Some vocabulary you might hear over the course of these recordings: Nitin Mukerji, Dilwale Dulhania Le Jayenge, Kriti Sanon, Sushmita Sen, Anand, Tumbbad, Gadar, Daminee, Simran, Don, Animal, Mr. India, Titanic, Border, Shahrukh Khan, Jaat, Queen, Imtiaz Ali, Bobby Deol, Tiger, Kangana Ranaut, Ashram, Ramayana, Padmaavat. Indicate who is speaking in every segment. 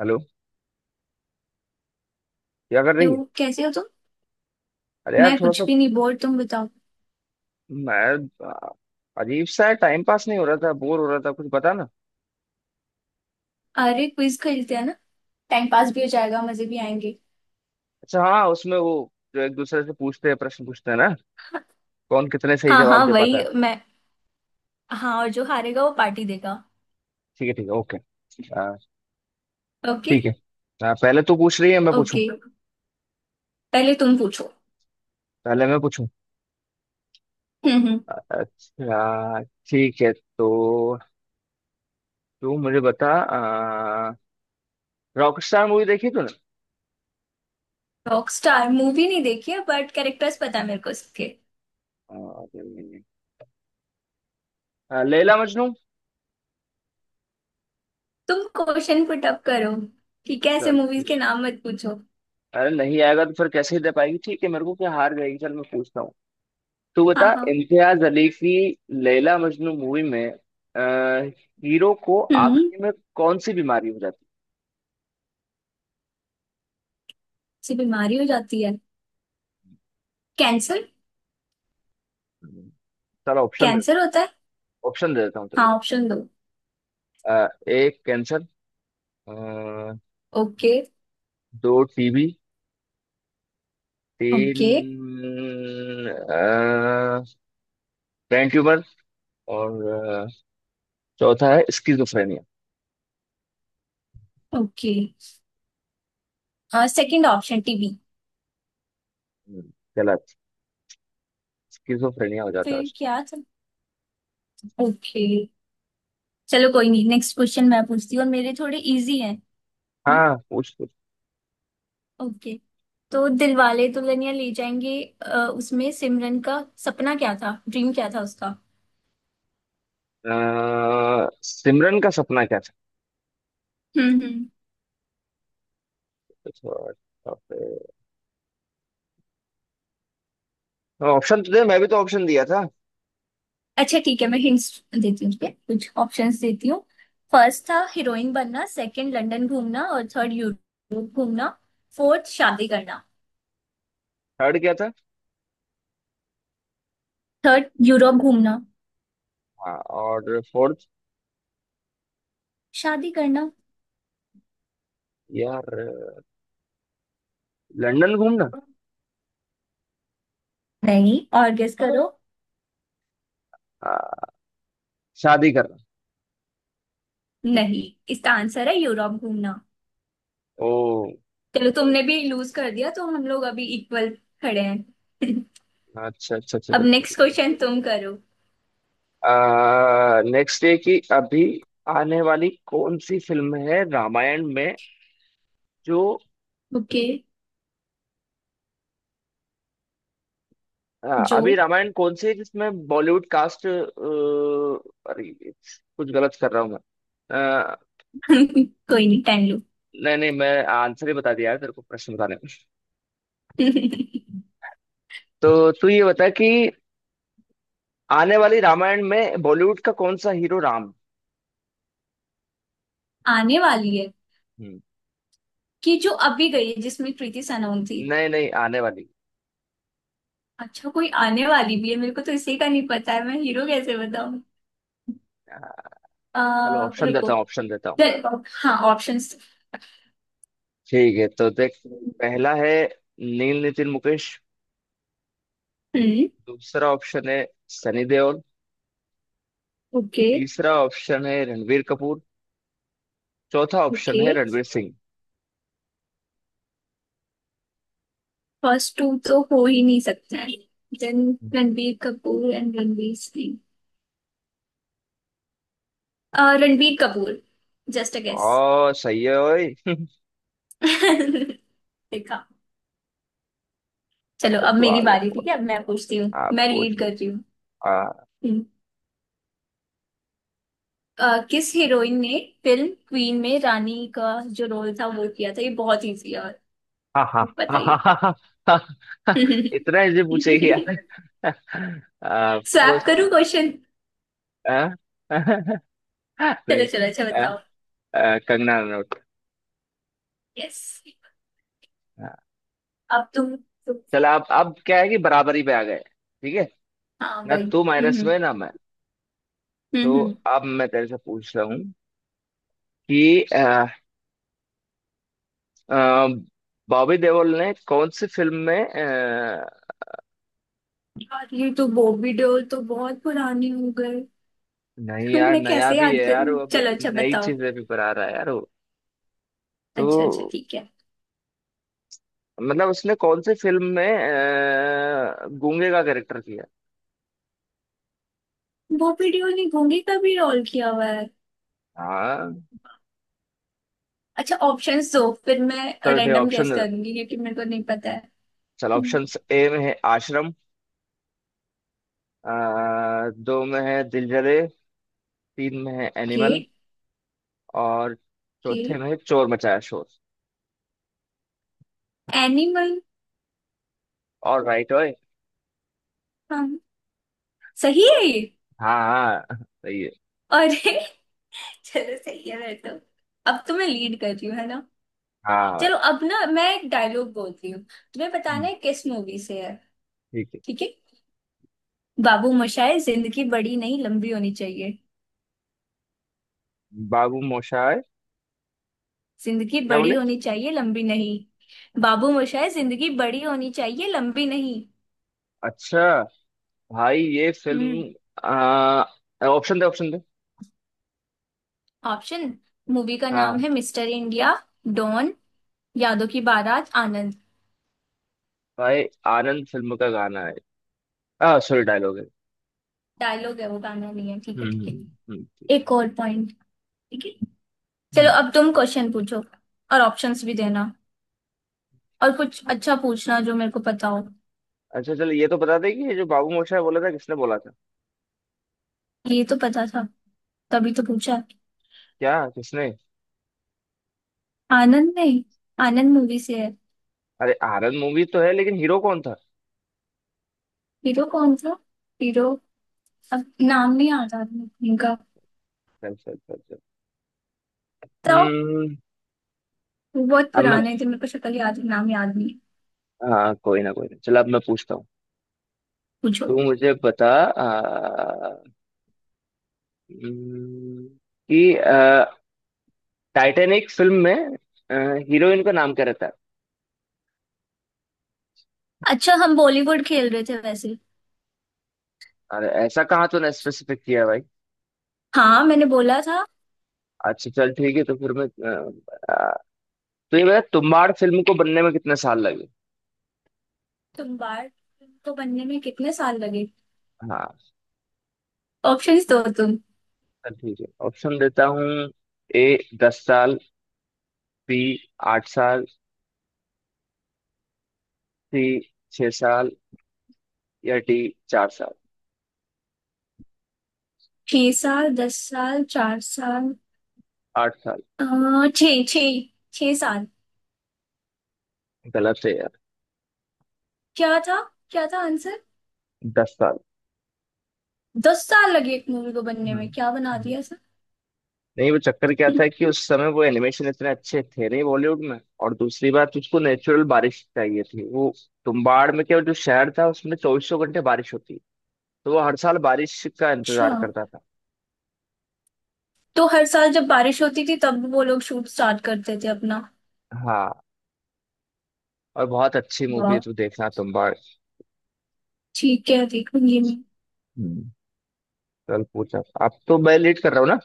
Speaker 1: Hello. क्या कर रही है।
Speaker 2: हेलो, कैसे हो तुम।
Speaker 1: अरे यार,
Speaker 2: मैं
Speaker 1: थोड़ा
Speaker 2: कुछ
Speaker 1: सा
Speaker 2: भी नहीं, बोर। तुम बताओ।
Speaker 1: मैं अजीब सा है, टाइम पास नहीं हो रहा था, बोर हो रहा था, कुछ बता ना।
Speaker 2: अरे क्विज खेलते हैं ना। टाइम पास भी हो जाएगा, मजे भी आएंगे।
Speaker 1: अच्छा हाँ, उसमें वो जो एक दूसरे से पूछते हैं प्रश्न पूछते हैं ना, कौन कितने सही
Speaker 2: हाँ
Speaker 1: जवाब
Speaker 2: हाँ
Speaker 1: दे पाता
Speaker 2: वही
Speaker 1: है।
Speaker 2: मैं। हाँ, और जो हारेगा वो पार्टी देगा।
Speaker 1: ठीक है, ठीक है, ओके। आ,
Speaker 2: ओके।
Speaker 1: ठीक है। पहले तू पूछ रही है मैं पूछूं,
Speaker 2: ओके, पहले तुम पूछो।
Speaker 1: पहले मैं पूछूं।
Speaker 2: हम्म।
Speaker 1: अच्छा, ठीक है तो तू मुझे बता। रॉक स्टार मूवी देखी तूने।
Speaker 2: रॉकस्टार मूवी नहीं देखी है बट कैरेक्टर्स पता है मेरे को उसके।
Speaker 1: आ, नहीं, लैला मजनू।
Speaker 2: तुम क्वेश्चन पुट अप करो। ठीक है, ऐसे
Speaker 1: चल
Speaker 2: मूवीज
Speaker 1: ठीक।
Speaker 2: के नाम मत पूछो।
Speaker 1: अरे नहीं आएगा तो फिर कैसे दे पाएगी, ठीक है, मेरे को क्या, हार जाएगी, चल मैं पूछता हूँ। तो
Speaker 2: हाँ
Speaker 1: बता,
Speaker 2: हाँ।
Speaker 1: इम्तियाज अली की लैला मजनू मूवी में अ, हीरो को
Speaker 2: हम्म
Speaker 1: आखिरी में कौन सी बीमारी हो जाती
Speaker 2: से बीमारी हो जाती है। कैंसर।
Speaker 1: है? चलो ऑप्शन देता
Speaker 2: कैंसर होता है।
Speaker 1: हूँ, ऑप्शन दे देता हूँ,
Speaker 2: हाँ,
Speaker 1: चलो।
Speaker 2: ऑप्शन दो।
Speaker 1: एक कैंसर, अ,
Speaker 2: ओके।
Speaker 1: दो टीबी, तीन
Speaker 2: ओके।
Speaker 1: ब्रेन ट्यूमर, और चौथा है schizophrenia.
Speaker 2: Okay, second option TB.
Speaker 1: हम्म, गलत। स्किजोफ्रेनिया हो जाता है
Speaker 2: फिर
Speaker 1: उसे।
Speaker 2: क्या था। ओके, चलो कोई नहीं। नेक्स्ट क्वेश्चन मैं पूछती हूँ और मेरे थोड़े इजी हैं। हम्म।
Speaker 1: हाँ पूछ पूछ।
Speaker 2: ओके, तो दिलवाले दुल्हनिया ले जाएंगे। अ, उसमें सिमरन का सपना क्या था, ड्रीम क्या था उसका।
Speaker 1: सिमरन का सपना क्या था?
Speaker 2: हम्म।
Speaker 1: तो ऑप्शन तो दे, मैं भी तो ऑप्शन दिया था।
Speaker 2: अच्छा ठीक है, मैं हिंट्स देती हूँ, ठीक है, कुछ ऑप्शंस देती हूँ। फर्स्ट था हीरोइन बनना, सेकंड लंदन घूमना, और थर्ड यूरोप घूमना, फोर्थ शादी करना।
Speaker 1: थर्ड क्या था?
Speaker 2: थर्ड यूरोप घूमना।
Speaker 1: हाँ और फोर्थ?
Speaker 2: शादी करना।
Speaker 1: यार लंदन घूमना।
Speaker 2: नहीं, और गेस करो।
Speaker 1: हाँ, शादी करना।
Speaker 2: नहीं, इसका आंसर है यूरोप घूमना।
Speaker 1: ओ।
Speaker 2: चलो, तुमने भी लूज कर दिया तो हम लोग अभी इक्वल खड़े हैं
Speaker 1: अच्छा अच्छा अच्छा
Speaker 2: अब नेक्स्ट
Speaker 1: अच्छा।
Speaker 2: क्वेश्चन तुम करो।
Speaker 1: नेक्स्ट ये कि अभी आने वाली कौन सी फिल्म है रामायण में, जो
Speaker 2: ओके। जो।
Speaker 1: अभी रामायण कौन सी है जिसमें बॉलीवुड कास्ट, अरे कुछ गलत कर रहा हूँ मैं। अ,
Speaker 2: कोई नहीं, टाइम लो।
Speaker 1: नहीं नहीं, मैं आंसर ही बता दिया यार तेरे को प्रश्न बताने में। तो तू ये बता कि आने वाली रामायण में बॉलीवुड का कौन सा हीरो राम
Speaker 2: आने वाली है
Speaker 1: है?
Speaker 2: कि जो अभी गई है, जिसमें कृति सनोन थी।
Speaker 1: नहीं नहीं आने वाली।
Speaker 2: अच्छा, कोई आने वाली भी है। मेरे को तो इसी का नहीं पता है, मैं हीरो कैसे बताऊं।
Speaker 1: हाँ,
Speaker 2: आ,
Speaker 1: चलो ऑप्शन
Speaker 2: रुको।
Speaker 1: देता हूँ, ऑप्शन देता हूँ।
Speaker 2: हाँ, ऑप्शंस।
Speaker 1: ठीक है, तो देख, पहला है नील नितिन मुकेश,
Speaker 2: हम्म।
Speaker 1: दूसरा ऑप्शन है सनी देओल,
Speaker 2: ओके।
Speaker 1: तीसरा ऑप्शन है रणबीर कपूर, चौथा ऑप्शन
Speaker 2: ओके,
Speaker 1: है रणवीर सिंह।
Speaker 2: फर्स्ट टू तो हो ही नहीं सकते। Then Ranbir Kapoor and Ranveer Singh. Ranbir Kapoor. Just a guess.
Speaker 1: ओ सही है ओए
Speaker 2: देखा। चलो
Speaker 1: ओए
Speaker 2: अब
Speaker 1: तू
Speaker 2: मेरी
Speaker 1: आगे
Speaker 2: बारी, ठीक है।
Speaker 1: पहुंच।
Speaker 2: अब मैं पूछती हूँ,
Speaker 1: आप
Speaker 2: मैं
Speaker 1: पूछ
Speaker 2: लीड कर
Speaker 1: पूछ।
Speaker 2: रही हूँ।
Speaker 1: हाँ
Speaker 2: हम्म। किस हीरोइन ने फिल्म क्वीन में रानी का जो रोल था वो किया था, ये बहुत इजी है, और
Speaker 1: हाँ हाँ, हाँ हाँ,
Speaker 2: बताइए।
Speaker 1: हाँ, हाँ, हाँ, इतना इजी पूछेगी यार? आपको।
Speaker 2: स्वैप करूँ क्वेश्चन।
Speaker 1: हाँ?
Speaker 2: चलो
Speaker 1: नहीं।
Speaker 2: चलो, अच्छा
Speaker 1: अ,
Speaker 2: बताओ।
Speaker 1: कंगना रनौत।
Speaker 2: यस। अब तुम
Speaker 1: चल आप, अब क्या है कि बराबरी पे आ गए, ठीक है,
Speaker 2: हाँ
Speaker 1: ना
Speaker 2: भाई,
Speaker 1: तू माइनस में ना मैं। तो
Speaker 2: हम्म।
Speaker 1: अब मैं तेरे से पूछ रहा हूँ कि अ, बॉबी देओल ने कौन सी फिल्म में
Speaker 2: यार, ये तो बॉबी देओल तो बहुत पुरानी हो गए।
Speaker 1: नहीं यार
Speaker 2: मैं
Speaker 1: नया
Speaker 2: कैसे
Speaker 1: भी
Speaker 2: याद
Speaker 1: है यार
Speaker 2: करूँ,
Speaker 1: वो, अब
Speaker 2: चलो अच्छा
Speaker 1: नई
Speaker 2: बताओ।
Speaker 1: चीजें भी पर आ रहा है यार वो। तो
Speaker 2: अच्छा अच्छा ठीक है।
Speaker 1: मतलब उसने कौन सी फिल्म में गूंगे का कैरेक्टर किया?
Speaker 2: वो वीडियो नहीं, गूंगी का भी रोल किया हुआ है।
Speaker 1: हाँ
Speaker 2: अच्छा, ऑप्शंस दो, फिर मैं
Speaker 1: चलो ठीक,
Speaker 2: रैंडम
Speaker 1: ऑप्शन
Speaker 2: गेस
Speaker 1: दे दो।
Speaker 2: करूंगी क्योंकि मेरे को नहीं पता है।
Speaker 1: चलो ऑप्शन, ए में है आश्रम, दो में है दिल जले, तीन में है
Speaker 2: के।
Speaker 1: एनिमल, और
Speaker 2: के।
Speaker 1: चौथे में चोर मचाया शोर।
Speaker 2: एनिमल।
Speaker 1: और राइट ओए।
Speaker 2: हम, सही है ये।
Speaker 1: हाँ हाँ सही है।
Speaker 2: अरे चलो सही है। मैं तो अब तो मैं लीड कर रही हूँ, है ना।
Speaker 1: हाँ भाई।
Speaker 2: चलो अब ना मैं एक डायलॉग बोलती हूँ, तुम्हें
Speaker 1: हम्म,
Speaker 2: बताना है किस मूवी से है।
Speaker 1: ठीक है।
Speaker 2: ठीक है। बाबू मोशाय, जिंदगी बड़ी नहीं, लंबी होनी चाहिए।
Speaker 1: बाबू मोशाय
Speaker 2: जिंदगी
Speaker 1: क्या
Speaker 2: बड़ी
Speaker 1: बोले?
Speaker 2: होनी चाहिए, लंबी नहीं। बाबू मोशाय, जिंदगी बड़ी होनी चाहिए, लंबी नहीं।
Speaker 1: अच्छा, भाई ये फिल्म आ, ऑप्शन दे ऑप्शन दे।
Speaker 2: ऑप्शन। मूवी का नाम
Speaker 1: हाँ
Speaker 2: है Mister India, Don, Yaadon Ki Baarat, Anand.
Speaker 1: भाई आनंद फिल्म का गाना है, आ सॉरी डायलॉग है।
Speaker 2: डायलॉग है, वो गाना नहीं है। ठीक है, ठीक है,
Speaker 1: ठीक,
Speaker 2: एक और पॉइंट। ठीक है, चलो
Speaker 1: हम्म।
Speaker 2: अब तुम क्वेश्चन पूछो। और ऑप्शंस भी देना, और कुछ अच्छा पूछना जो मेरे को पता हो।
Speaker 1: अच्छा चलो ये तो बता दे कि ये जो बाबू मोशाय बोला था किसने बोला था?
Speaker 2: ये तो पता था, तभी तो पूछा।
Speaker 1: क्या किसने?
Speaker 2: आनंद, नहीं आनंद मूवी से है।
Speaker 1: अरे आनंद मूवी तो है लेकिन हीरो कौन था?
Speaker 2: हीरो कौन था। हीरो, अब नाम नहीं याद आ रहा इनका।
Speaker 1: चल चल चल चल।
Speaker 2: बताओ।
Speaker 1: हम्म
Speaker 2: वो बहुत
Speaker 1: अब मैं,
Speaker 2: पुराने थे, मेरे को शक्ल याद है, नाम याद नहीं।
Speaker 1: हाँ कोई ना कोई ना, चलो अब मैं पूछता हूँ।
Speaker 2: पूछो।
Speaker 1: तू मुझे बता हम्म, कि टाइटैनिक फिल्म में हीरोइन का नाम क्या रहता है?
Speaker 2: अच्छा, हम बॉलीवुड खेल रहे थे वैसे।
Speaker 1: अरे ऐसा कहाँ तूने स्पेसिफिक किया भाई?
Speaker 2: हाँ, मैंने बोला था।
Speaker 1: अच्छा चल ठीक है तो फिर मैं तो ये बता तुम्बाड़ फिल्म को बनने में कितने साल लगे?
Speaker 2: तुम बार्ट को बनने में कितने साल लगे।
Speaker 1: हाँ
Speaker 2: ऑप्शंस दो तुम।
Speaker 1: चल ठीक है ऑप्शन देता हूँ। ए 10 साल, बी 8 साल, सी 6 साल, या डी 4 साल।
Speaker 2: छह साल, दस साल, चार साल।
Speaker 1: 8 साल
Speaker 2: छह छह। छह साल।
Speaker 1: गलत है यार,
Speaker 2: क्या था, क्या था आंसर।
Speaker 1: 10 साल।
Speaker 2: दस साल लगे एक मूवी को बनने में, क्या बना
Speaker 1: हम्म
Speaker 2: दिया सर।
Speaker 1: नहीं, वो चक्कर क्या था कि उस समय वो एनिमेशन इतने अच्छे थे नहीं बॉलीवुड में, और दूसरी बात उसको नेचुरल बारिश चाहिए थी वो। तुम्बाड़ में क्या, जो शहर था उसमें चौबीसों घंटे बारिश होती, तो वो हर साल बारिश का
Speaker 2: अच्छा।
Speaker 1: इंतजार करता था।
Speaker 2: तो हर साल जब बारिश होती थी तब वो लोग शूट स्टार्ट करते थे अपना।
Speaker 1: हाँ और बहुत अच्छी मूवी है,
Speaker 2: वाह,
Speaker 1: तू देखना तुम्बाड़।
Speaker 2: ठीक है, देखूंगी मैं।
Speaker 1: हम्म, चल पूछा, अब तो मैं लेट कर रहा हूँ ना।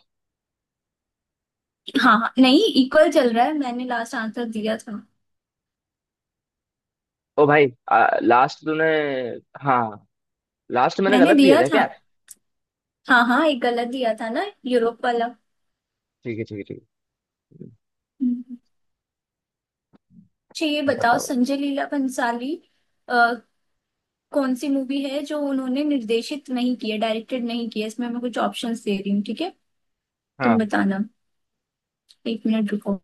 Speaker 2: हाँ हाँ, नहीं इक्वल चल रहा है, मैंने लास्ट आंसर दिया था।
Speaker 1: ओ भाई लास्ट तूने, हाँ लास्ट मैंने
Speaker 2: मैंने
Speaker 1: गलत दिया
Speaker 2: दिया
Speaker 1: था
Speaker 2: था।
Speaker 1: क्या?
Speaker 2: हाँ हाँ, एक गलत दिया था ना, यूरोप वाला।
Speaker 1: ठीक है, ठीक है, ठीक है
Speaker 2: हम्म। अच्छा, ये बताओ,
Speaker 1: बताओ।
Speaker 2: संजय लीला भंसाली अ, कौन सी मूवी है जो उन्होंने निर्देशित नहीं की है, डायरेक्टेड नहीं की है। इसमें मैं कुछ ऑप्शंस दे रही हूँ, ठीक है, तुम
Speaker 1: हाँ
Speaker 2: बताना। एक मिनट रुको।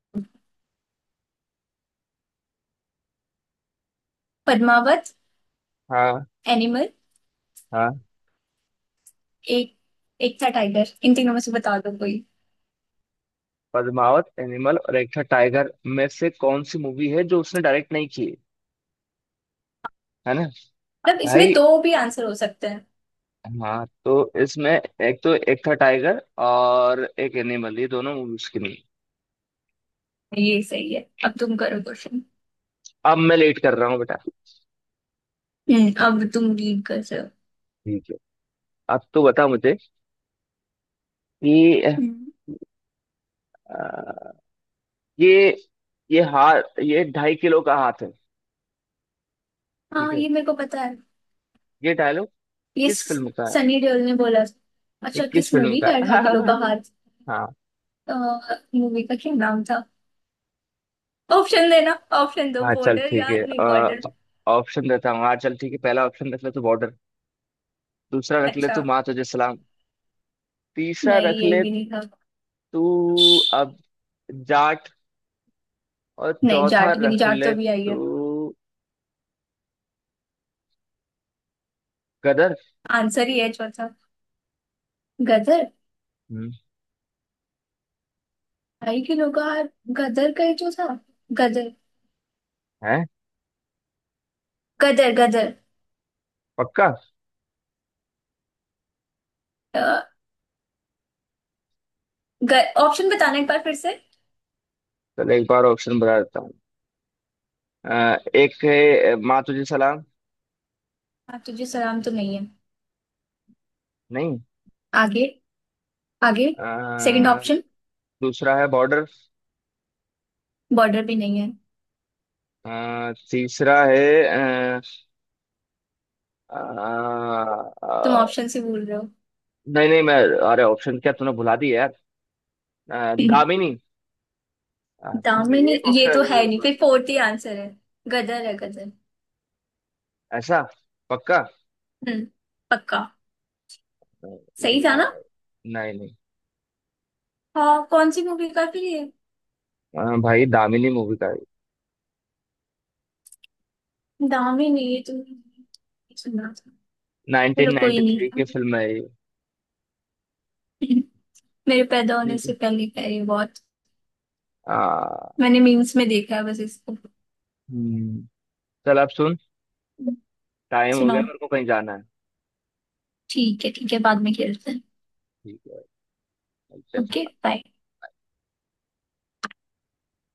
Speaker 2: पद्मावत,
Speaker 1: हाँ
Speaker 2: एनिमल,
Speaker 1: हाँ।
Speaker 2: एक, एक था टाइगर। इन तीनों में से बता दो कोई।
Speaker 1: पद्मावत, एनिमल, और एक था टाइगर में से कौन सी मूवी है जो उसने डायरेक्ट नहीं की है ना?
Speaker 2: मतलब इसमें
Speaker 1: भाई
Speaker 2: दो भी आंसर हो सकते हैं।
Speaker 1: हाँ, तो इसमें एक तो एक था टाइगर और एक एनिमल, ये दोनों मूवी उसकी नहीं।
Speaker 2: ये सही है। अब तुम करो क्वेश्चन।
Speaker 1: अब मैं लेट कर रहा हूँ बेटा।
Speaker 2: हम्म, अब तुम लीड कर रहे हो।
Speaker 1: ठीक है। अब तो बता मुझे कि
Speaker 2: हम्म।
Speaker 1: अ, ये ये हाथ, ये ढाई किलो का हाथ है। ठीक
Speaker 2: हाँ,
Speaker 1: है।
Speaker 2: ये मेरे को पता है।
Speaker 1: ये डायलॉग
Speaker 2: ये
Speaker 1: किस
Speaker 2: स-
Speaker 1: फिल्म का है?
Speaker 2: सनी देओल ने बोला।
Speaker 1: ये
Speaker 2: अच्छा,
Speaker 1: किस
Speaker 2: किस
Speaker 1: फिल्म
Speaker 2: मूवी
Speaker 1: का
Speaker 2: का है ढाई किलो का
Speaker 1: है
Speaker 2: हाथ।
Speaker 1: हाँ।
Speaker 2: मूवी का क्या नाम था। ऑप्शन देना। ऑप्शन दो,
Speaker 1: हाँ चल
Speaker 2: बॉर्डर,
Speaker 1: ठीक है,
Speaker 2: यार नहीं बॉर्डर।
Speaker 1: ऑप्शन देता हूँ। हाँ चल ठीक है, पहला ऑप्शन देख ले, तो बॉर्डर, दूसरा रख ले
Speaker 2: अच्छा।
Speaker 1: तू माँ तुझे सलाम, तीसरा
Speaker 2: नहीं,
Speaker 1: रख
Speaker 2: ये
Speaker 1: ले
Speaker 2: भी नहीं था।
Speaker 1: तू, अब जाट, और
Speaker 2: नहीं,
Speaker 1: चौथा
Speaker 2: जाट भी नहीं,
Speaker 1: रख
Speaker 2: जाट तो
Speaker 1: ले
Speaker 2: भी आई है।
Speaker 1: तू गदर।
Speaker 2: आंसर ही है चौथा, गदर।
Speaker 1: हम्म,
Speaker 2: ढाई किलो का हार, गदर का ही जो था। गदर।
Speaker 1: है।
Speaker 2: गदर गदर।
Speaker 1: पक्का।
Speaker 2: अ, ऑप्शन बताना एक बार फिर से।
Speaker 1: चल एक बार ऑप्शन बता देता हूँ। एक है माँ तुझे सलाम।
Speaker 2: आप तुझे सलाम तो नहीं है।
Speaker 1: नहीं।
Speaker 2: आगे, आगे। सेकंड
Speaker 1: अ,
Speaker 2: ऑप्शन।
Speaker 1: दूसरा है बॉर्डर।
Speaker 2: बॉर्डर भी नहीं है।
Speaker 1: तीसरा है अ, अ, अ,
Speaker 2: तुम ऑप्शन से भूल रहे हो।
Speaker 1: नहीं नहीं, मैं, अरे ऑप्शन क्या तूने भुला दी यार? दामिनी। सॉरी
Speaker 2: दामिनी,
Speaker 1: एक
Speaker 2: ये तो है नहीं,
Speaker 1: ऑप्शन।
Speaker 2: फिर फोर्थ ही आंसर है। गदर है गदर।
Speaker 1: ऐसा। पक्का।
Speaker 2: हम्म, पक्का। सही
Speaker 1: नहीं
Speaker 2: था।
Speaker 1: यार। नहीं नहीं।
Speaker 2: हाँ, कौन सी मूवी का फिर ये।
Speaker 1: हाँ भाई दामिनी मूवी का है,
Speaker 2: दामिनी, ये तो मैंने सुना था।
Speaker 1: नाइनटीन
Speaker 2: चलो
Speaker 1: नाइनटी
Speaker 2: कोई
Speaker 1: थ्री
Speaker 2: नहीं,
Speaker 1: की फिल्म है ये।
Speaker 2: मेरे पैदा होने
Speaker 1: ठीक है।
Speaker 2: से पहले का ये बहुत।
Speaker 1: आ,
Speaker 2: मैंने मीम्स में देखा है बस इसको।
Speaker 1: हम्म चल अब सुन, टाइम हो गया
Speaker 2: सुनाओ।
Speaker 1: मेरे को कहीं जाना है।
Speaker 2: ठीक है, ठीक है, बाद में खेलते हैं।
Speaker 1: ठीक है
Speaker 2: ओके,
Speaker 1: चल।
Speaker 2: बाय।